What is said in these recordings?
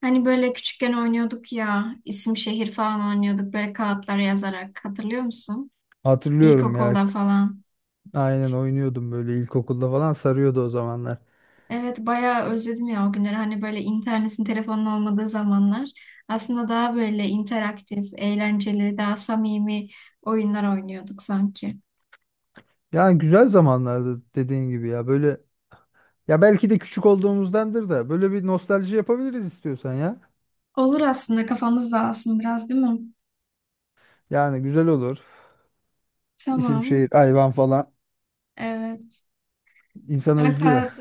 Hani böyle küçükken oynuyorduk ya, isim şehir falan oynuyorduk böyle kağıtlara yazarak. Hatırlıyor musun? Hatırlıyorum ya. İlkokulda falan. Aynen oynuyordum böyle ilkokulda falan sarıyordu o zamanlar. Evet bayağı özledim ya o günleri. Hani böyle internetin, telefonun olmadığı zamanlar. Aslında daha böyle interaktif, eğlenceli, daha samimi oyunlar oynuyorduk sanki. Yani güzel zamanlardı dediğin gibi ya. Böyle ya belki de küçük olduğumuzdandır da böyle bir nostalji yapabiliriz istiyorsan ya. Olur aslında kafamız dağılsın biraz değil mi? Yani güzel olur. İsim Tamam. şehir hayvan falan Evet. insanı Ben özlüyor. kağıt,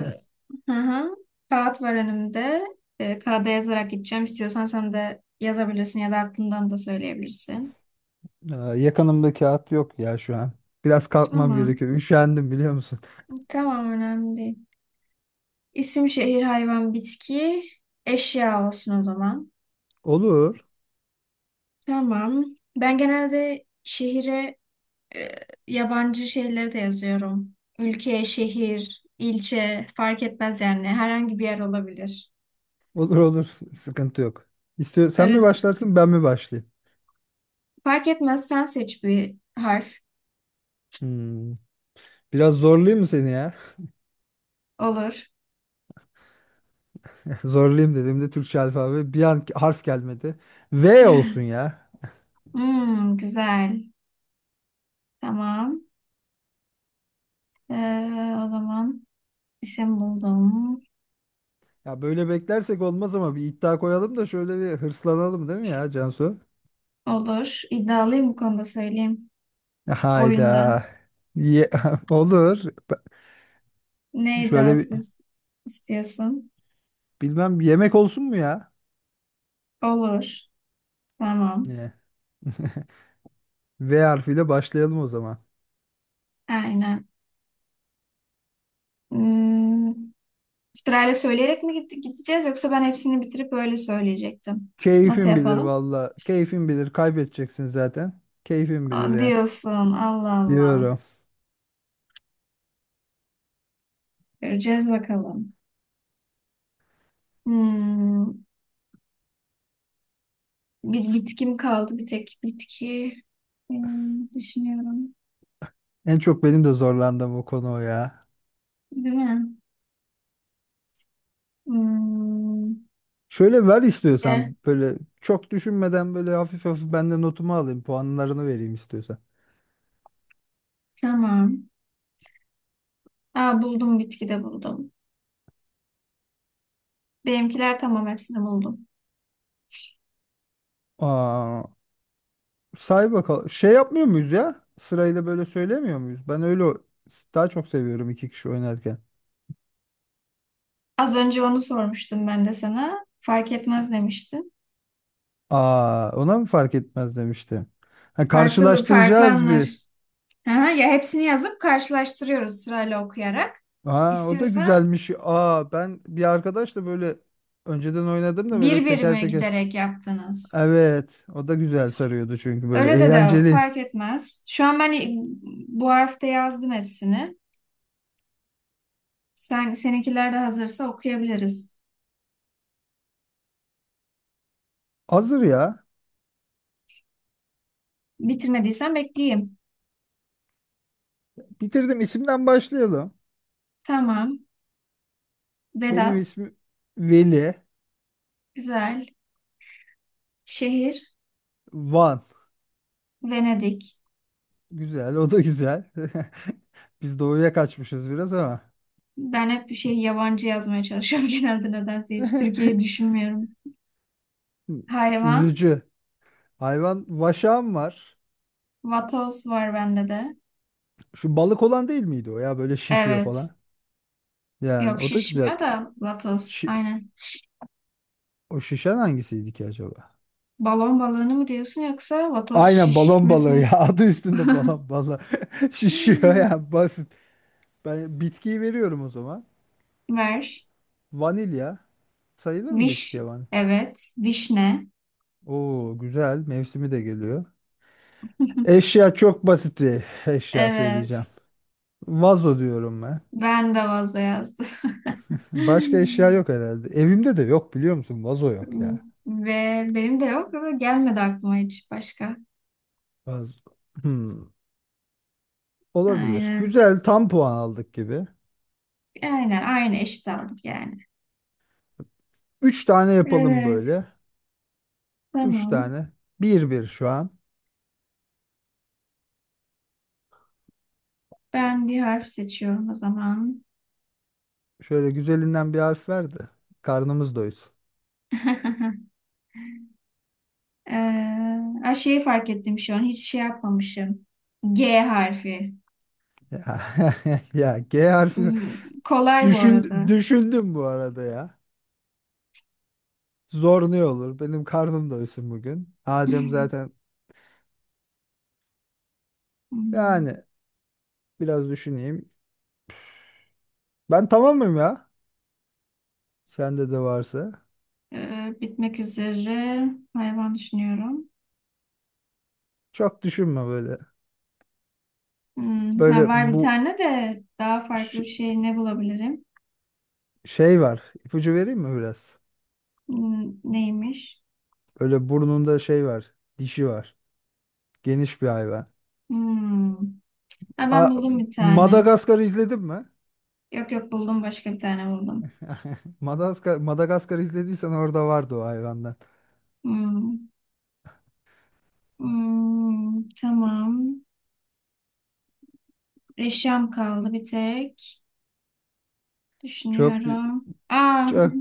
hı hı. Kağıt var önümde. Kağıda yazarak gideceğim. İstiyorsan sen de yazabilirsin ya da aklından da söyleyebilirsin. Aa, yakınımda kağıt yok ya şu an. Biraz kalkmam Tamam. gerekiyor. Üşendim biliyor musun? Tamam önemli değil. İsim, şehir, hayvan, bitki, eşya olsun o zaman. Olur. Tamam. Ben genelde şehire e, yabancı şeyleri de yazıyorum. Ülke, şehir, ilçe fark etmez yani. Herhangi bir yer olabilir. Olur olur. Sıkıntı yok. İstiyor, sen mi Öyle başlarsın ben mi başlayayım? fark etmez sen seç bir harf. Hmm, Biraz zorlayayım mı seni ya? Olur. Zorlayayım dediğimde Türkçe alfabe bir an harf gelmedi. V olsun ya. Hmm, güzel. Tamam. Ee, O zaman isim buldum. Ya böyle beklersek olmaz ama bir iddia koyalım da şöyle bir hırslanalım değil mi ya Cansu? Olur. İddialıyım bu konuda söyleyeyim. Oyunda. Hayda. Ye- olur. Ne Şöyle bir, iddiasız istiyorsun? bilmem bir yemek olsun mu ya? Olur. Tamam. Ne? V harfiyle başlayalım o zaman. Aynen. Hmm, Sırayla söyleyerek mi gideceğiz yoksa ben hepsini bitirip öyle söyleyecektim. Nasıl Keyfin bilir yapalım? valla. Keyfin bilir. Kaybedeceksin zaten. Keyfin bilir Aa, ya. diyorsun. Allah Allah. Diyorum. Göreceğiz bakalım. Hmm, Bir bitkim kaldı bir tek bitki. Düşünüyorum. En çok benim de zorlandığım o konu o ya. Değil mi? Hmm, Şöyle ver istiyorsan Ye. böyle çok düşünmeden böyle hafif hafif ben de notumu alayım puanlarını vereyim istiyorsan. Tamam. Aa, buldum bitkide buldum. Benimkiler tamam hepsini buldum. Aa, say bakalım. Şey yapmıyor muyuz ya? Sırayla böyle söylemiyor muyuz? Ben öyle o- daha çok seviyorum iki kişi oynarken. Az önce onu sormuştum ben de sana. Fark etmez demiştin. Aa, ona mı fark etmez demiştim. Ha, Farklı bir farklı karşılaştıracağız anlar. bir. Ha, ya hepsini yazıp karşılaştırıyoruz sırayla okuyarak. Aa, o da İstiyorsa güzelmiş. Aa, ben bir arkadaşla böyle önceden oynadım da böyle bir teker birime teker. giderek yaptınız. Evet, o da güzel sarıyordu çünkü böyle Öyle de de eğlenceli. fark etmez. Şu an ben bu harfte yazdım hepsini. Sen seninkiler de hazırsa okuyabiliriz. Hazır ya. Bitirmediysen bekleyeyim. Bitirdim. İsimden başlayalım. Tamam. Benim Vedat, ismim Veli. güzel. Şehir, Van. Venedik. Güzel, o da güzel. Biz doğuya kaçmışız biraz ama. Ben hep bir şey yabancı yazmaya çalışıyorum genelde nedense hiç Türkiye'yi düşünmüyorum. Hayvan, Üzücü. Hayvan vaşağım var. vatoz var bende de. Şu balık olan değil miydi o ya? Böyle şişiyor Evet. falan. Yani Yok o da güzel. şişmiyor da vatoz. Şi- Aynen. o şişen hangisiydi ki acaba? Balon balığını mı diyorsun yoksa vatoz Aynen balon balığı ya. şişmesini Adı üstünde balon balığı. Şişiyor ya basit. Ben bitkiyi veriyorum o zaman. ver. Vanilya. Sayılır mı Viş, bitkiye vanilya? evet. Vişne. Oo güzel. Mevsimi de geliyor. Eşya çok basit bir eşya söyleyeceğim. Evet. Vazo diyorum ben. Ben de vazo yazdım. Başka eşya yok herhalde. Evimde de yok biliyor musun? Vazo yok ya. Ve benim de yok ama gelmedi aklıma hiç başka. Vazo. Hmm, olabilir. Aynen. Güzel tam puan aldık gibi. Aynen. Aynı eşit aldık yani. Üç tane yapalım Evet. böyle. Üç Tamam. tane. Bir bir şu an. Ben bir harf seçiyorum o zaman. Şöyle güzelinden bir harf ver de. Karnımız doysun. Ee, Ay şeyi fark ettim şu an. Hiç şey yapmamışım. G harfi. Ya, ya G harfi Kolay bu düşün, arada. düşündüm bu arada ya. Zor ne olur? Benim karnım doysun bugün. Adem zaten Hmm. yani biraz düşüneyim. Ben tamamım ya. Sende de varsa. Bitmek üzere. Hayvan düşünüyorum. Çok düşünme böyle. Böyle Ha, var bir bu tane de daha farklı ş- bir şey ne bulabilirim? şey var. İpucu vereyim mi biraz? Neymiş? Böyle burnunda şey var. Dişi var. Geniş bir hayvan. Hmm. Ha, ben A buldum bir tane. Madagaskar'ı izledin mi? Yok yok buldum başka bir tane buldum. Madagaskar, Madagaskar'ı izlediysen orada vardı o hayvandan. Hmm, hmm, tamam. Eşyam kaldı bir tek. Çok dü- Düşünüyorum. Aa, çok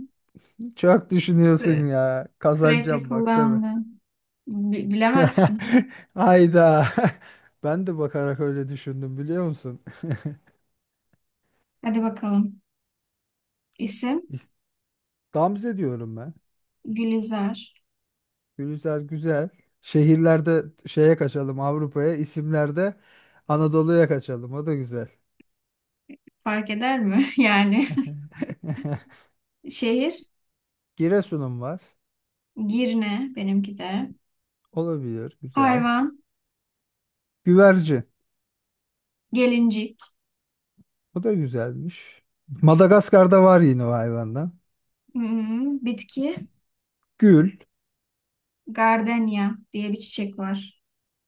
çok düşünüyorsun sü- ya. Sürekli Kazanacağım baksana. kullandım. Bilemezsin. Hayda. Ben de bakarak öyle düşündüm biliyor musun? Hadi bakalım. İsim Gamze diyorum ben. Gülizar. Güzel güzel. Şehirlerde şeye kaçalım Avrupa'ya, isimlerde Anadolu'ya kaçalım. O da güzel. Fark eder mi? Yani şehir Giresun'um var. Girne benimki de. Olabilir. Güzel. Hayvan Güvercin. gelincik. O da güzelmiş. Madagaskar'da var yine o hayvandan. Bitki Gül. gardenya diye bir çiçek var.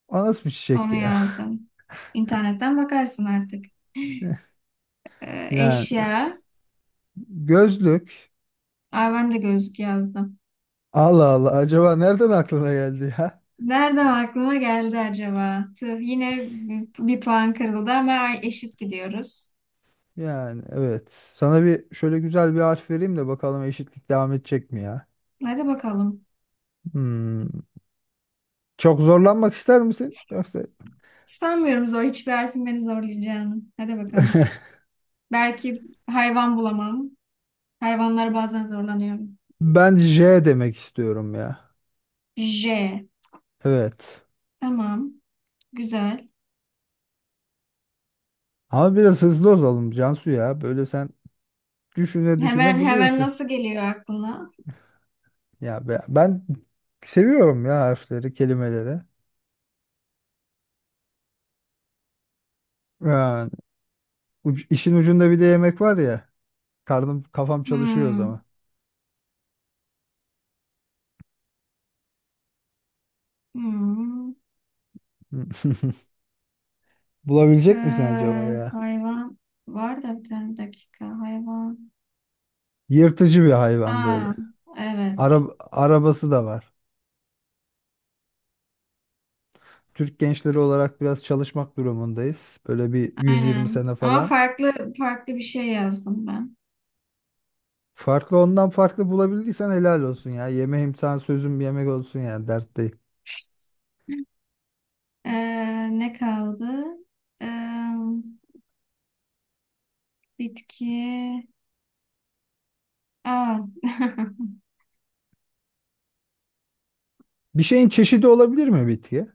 O nasıl bir çiçek Onu ya? yazdım. İnternetten bakarsın artık. Yani Eşya. gözlük. Aa, ben de gözlük yazdım. Allah Allah. Acaba nereden aklına geldi ya? Nereden aklıma geldi acaba? Tüh, yine bir puan kırıldı ama eşit gidiyoruz. Yani evet. Sana bir şöyle güzel bir harf vereyim de bakalım eşitlik devam edecek mi ya? Hadi bakalım. Hmm. Çok zorlanmak ister misin? Yoksa Sanmıyorum zor hiçbir harfin beni zorlayacağını. Hadi bakalım. Belki hayvan bulamam. Hayvanlar bazen zorlanıyorum. ben J demek istiyorum ya. J. Evet. Tamam. Güzel. Ama biraz hızlı olalım Cansu ya. Böyle sen düşüne düşüne Hemen hemen buluyorsun. nasıl geliyor aklına? Ben seviyorum ya harfleri, kelimeleri. Yani uc- işin ucunda bir de yemek var ya. Karnım, kafam çalışıyor o Hmm. zaman. Hmm. Ee, Bulabilecek misin acaba ya? Hayvan var da bir tane dakika. Hayvan. Yırtıcı bir hayvan Aa, böyle. Ara, evet. arabası da var. Türk gençleri olarak biraz çalışmak durumundayız. Böyle bir 120 Aynen. sene Ama falan. farklı farklı bir şey yazdım ben. Farklı ondan farklı bulabildiysen helal olsun ya. Yemeğim sana sözüm bir yemek olsun ya. Dert değil. Ne kaldı? Ee, Bitki. Aa, Bir şeyin çeşidi olabilir mi bitki?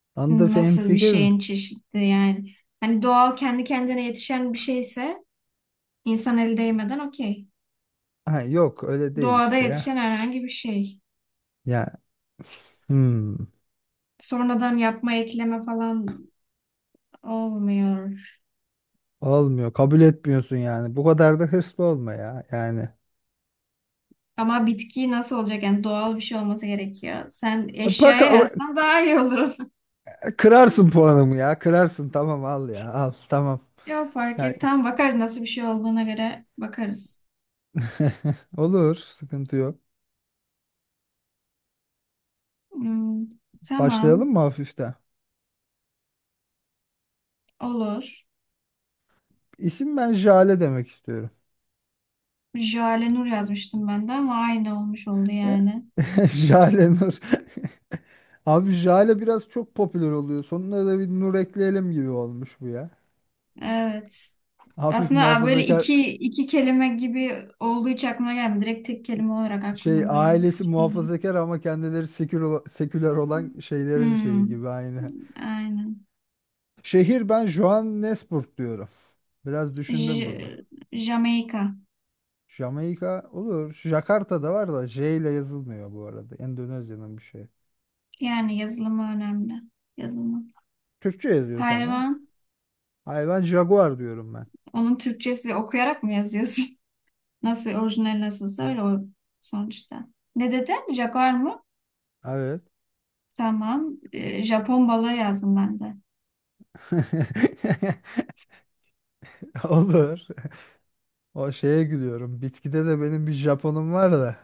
Anında nasıl bir hemfikirim. şeyin çeşidi yani? Hani doğal kendi kendine yetişen bir şeyse insan el değmeden okey. Ha, yok öyle değil Doğada işte yetişen ya. herhangi bir şey. Ya hmm, Sonradan yapma ekleme falan olmuyor. olmuyor. Kabul etmiyorsun yani. Bu kadar da hırslı olma ya. Yani Ama bitki nasıl olacak? Yani doğal bir şey olması gerekiyor. Sen bak eşyaya ama yazsan daha iyi olur. kırarsın puanımı ya. Kırarsın tamam al ya. Al tamam. Ya fark Yani- et. Tamam bakarız nasıl bir şey olduğuna göre bakarız. olur sıkıntı yok. Hmm, Başlayalım tamam mı hafiften? olur. İsim ben Jale demek istiyorum. Jale Nur yazmıştım ben de ama aynı olmuş oldu E, yani. Jale Nur. Abi Jale biraz çok popüler oluyor. Sonuna da bir Nur ekleyelim gibi olmuş bu ya. Evet. Hafif Aslında böyle muhafazakar iki kelime gibi olduğu hiç aklıma gelmedi. Direkt tek kelime olarak şey aklımda öyle ailesi düşündüm. muhafazakar ama kendileri seküler, seküler olan şeylerin şeyi Hmm, gibi aynı. aynen. Şehir ben Johannesburg diyorum. Biraz düşündüm J bunu. Jamaika. Jamaika olur. Jakarta da var da J ile yazılmıyor bu arada. Endonezya'nın bir şey. Yani yazılımı önemli. Yazılımı. Türkçe yazıyoruz ama. Hayvan. Hayır ben Jaguar diyorum ben. Onun Türkçesi okuyarak mı yazıyorsun? Nasıl orijinali nasılsa öyle o sonuçta. Ne dedin? Jaguar mı? Evet. Tamam. Japon balığı yazdım ben de. Olur. O şeye gülüyorum. Bitkide de benim bir Japonum var da.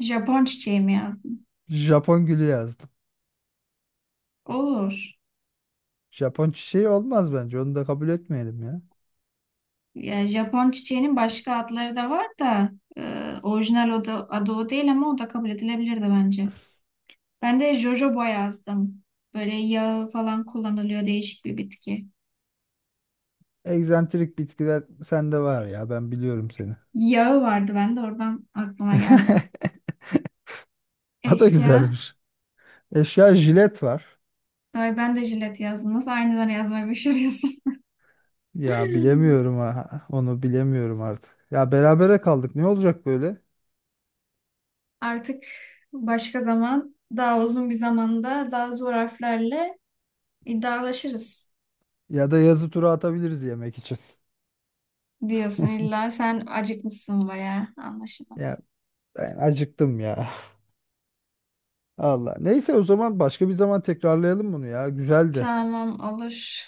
Japon çiçeği mi yazdım? Japon gülü yazdım. Olur. Japon çiçeği olmaz bence. Onu da kabul etmeyelim ya. Ya Japon çiçeğinin başka adları da var da orijinal o da, adı o değil ama o da kabul edilebilirdi bence. Ben de jojoba yazdım. Böyle yağı falan kullanılıyor değişik bir bitki. Egzantrik bitkiler sende var ya. Ben biliyorum seni. Yağı vardı bende oradan aklıma geldi. O da Eşya. güzelmiş. Eşya jilet var. Ay ben de jilet yazdım. Nasıl aynıları yazmayı başarıyorsun? Ya bilemiyorum ha. Onu bilemiyorum artık. Ya berabere kaldık. Ne olacak böyle? Artık başka zaman daha uzun bir zamanda daha zor harflerle iddialaşırız Ya da yazı tura atabiliriz yemek için. diyorsun illa sen acıkmışsın bayağı anlaşılan. Ya ben acıktım ya. Allah. Neyse o zaman başka bir zaman tekrarlayalım bunu ya. Güzeldi. Tamam olur.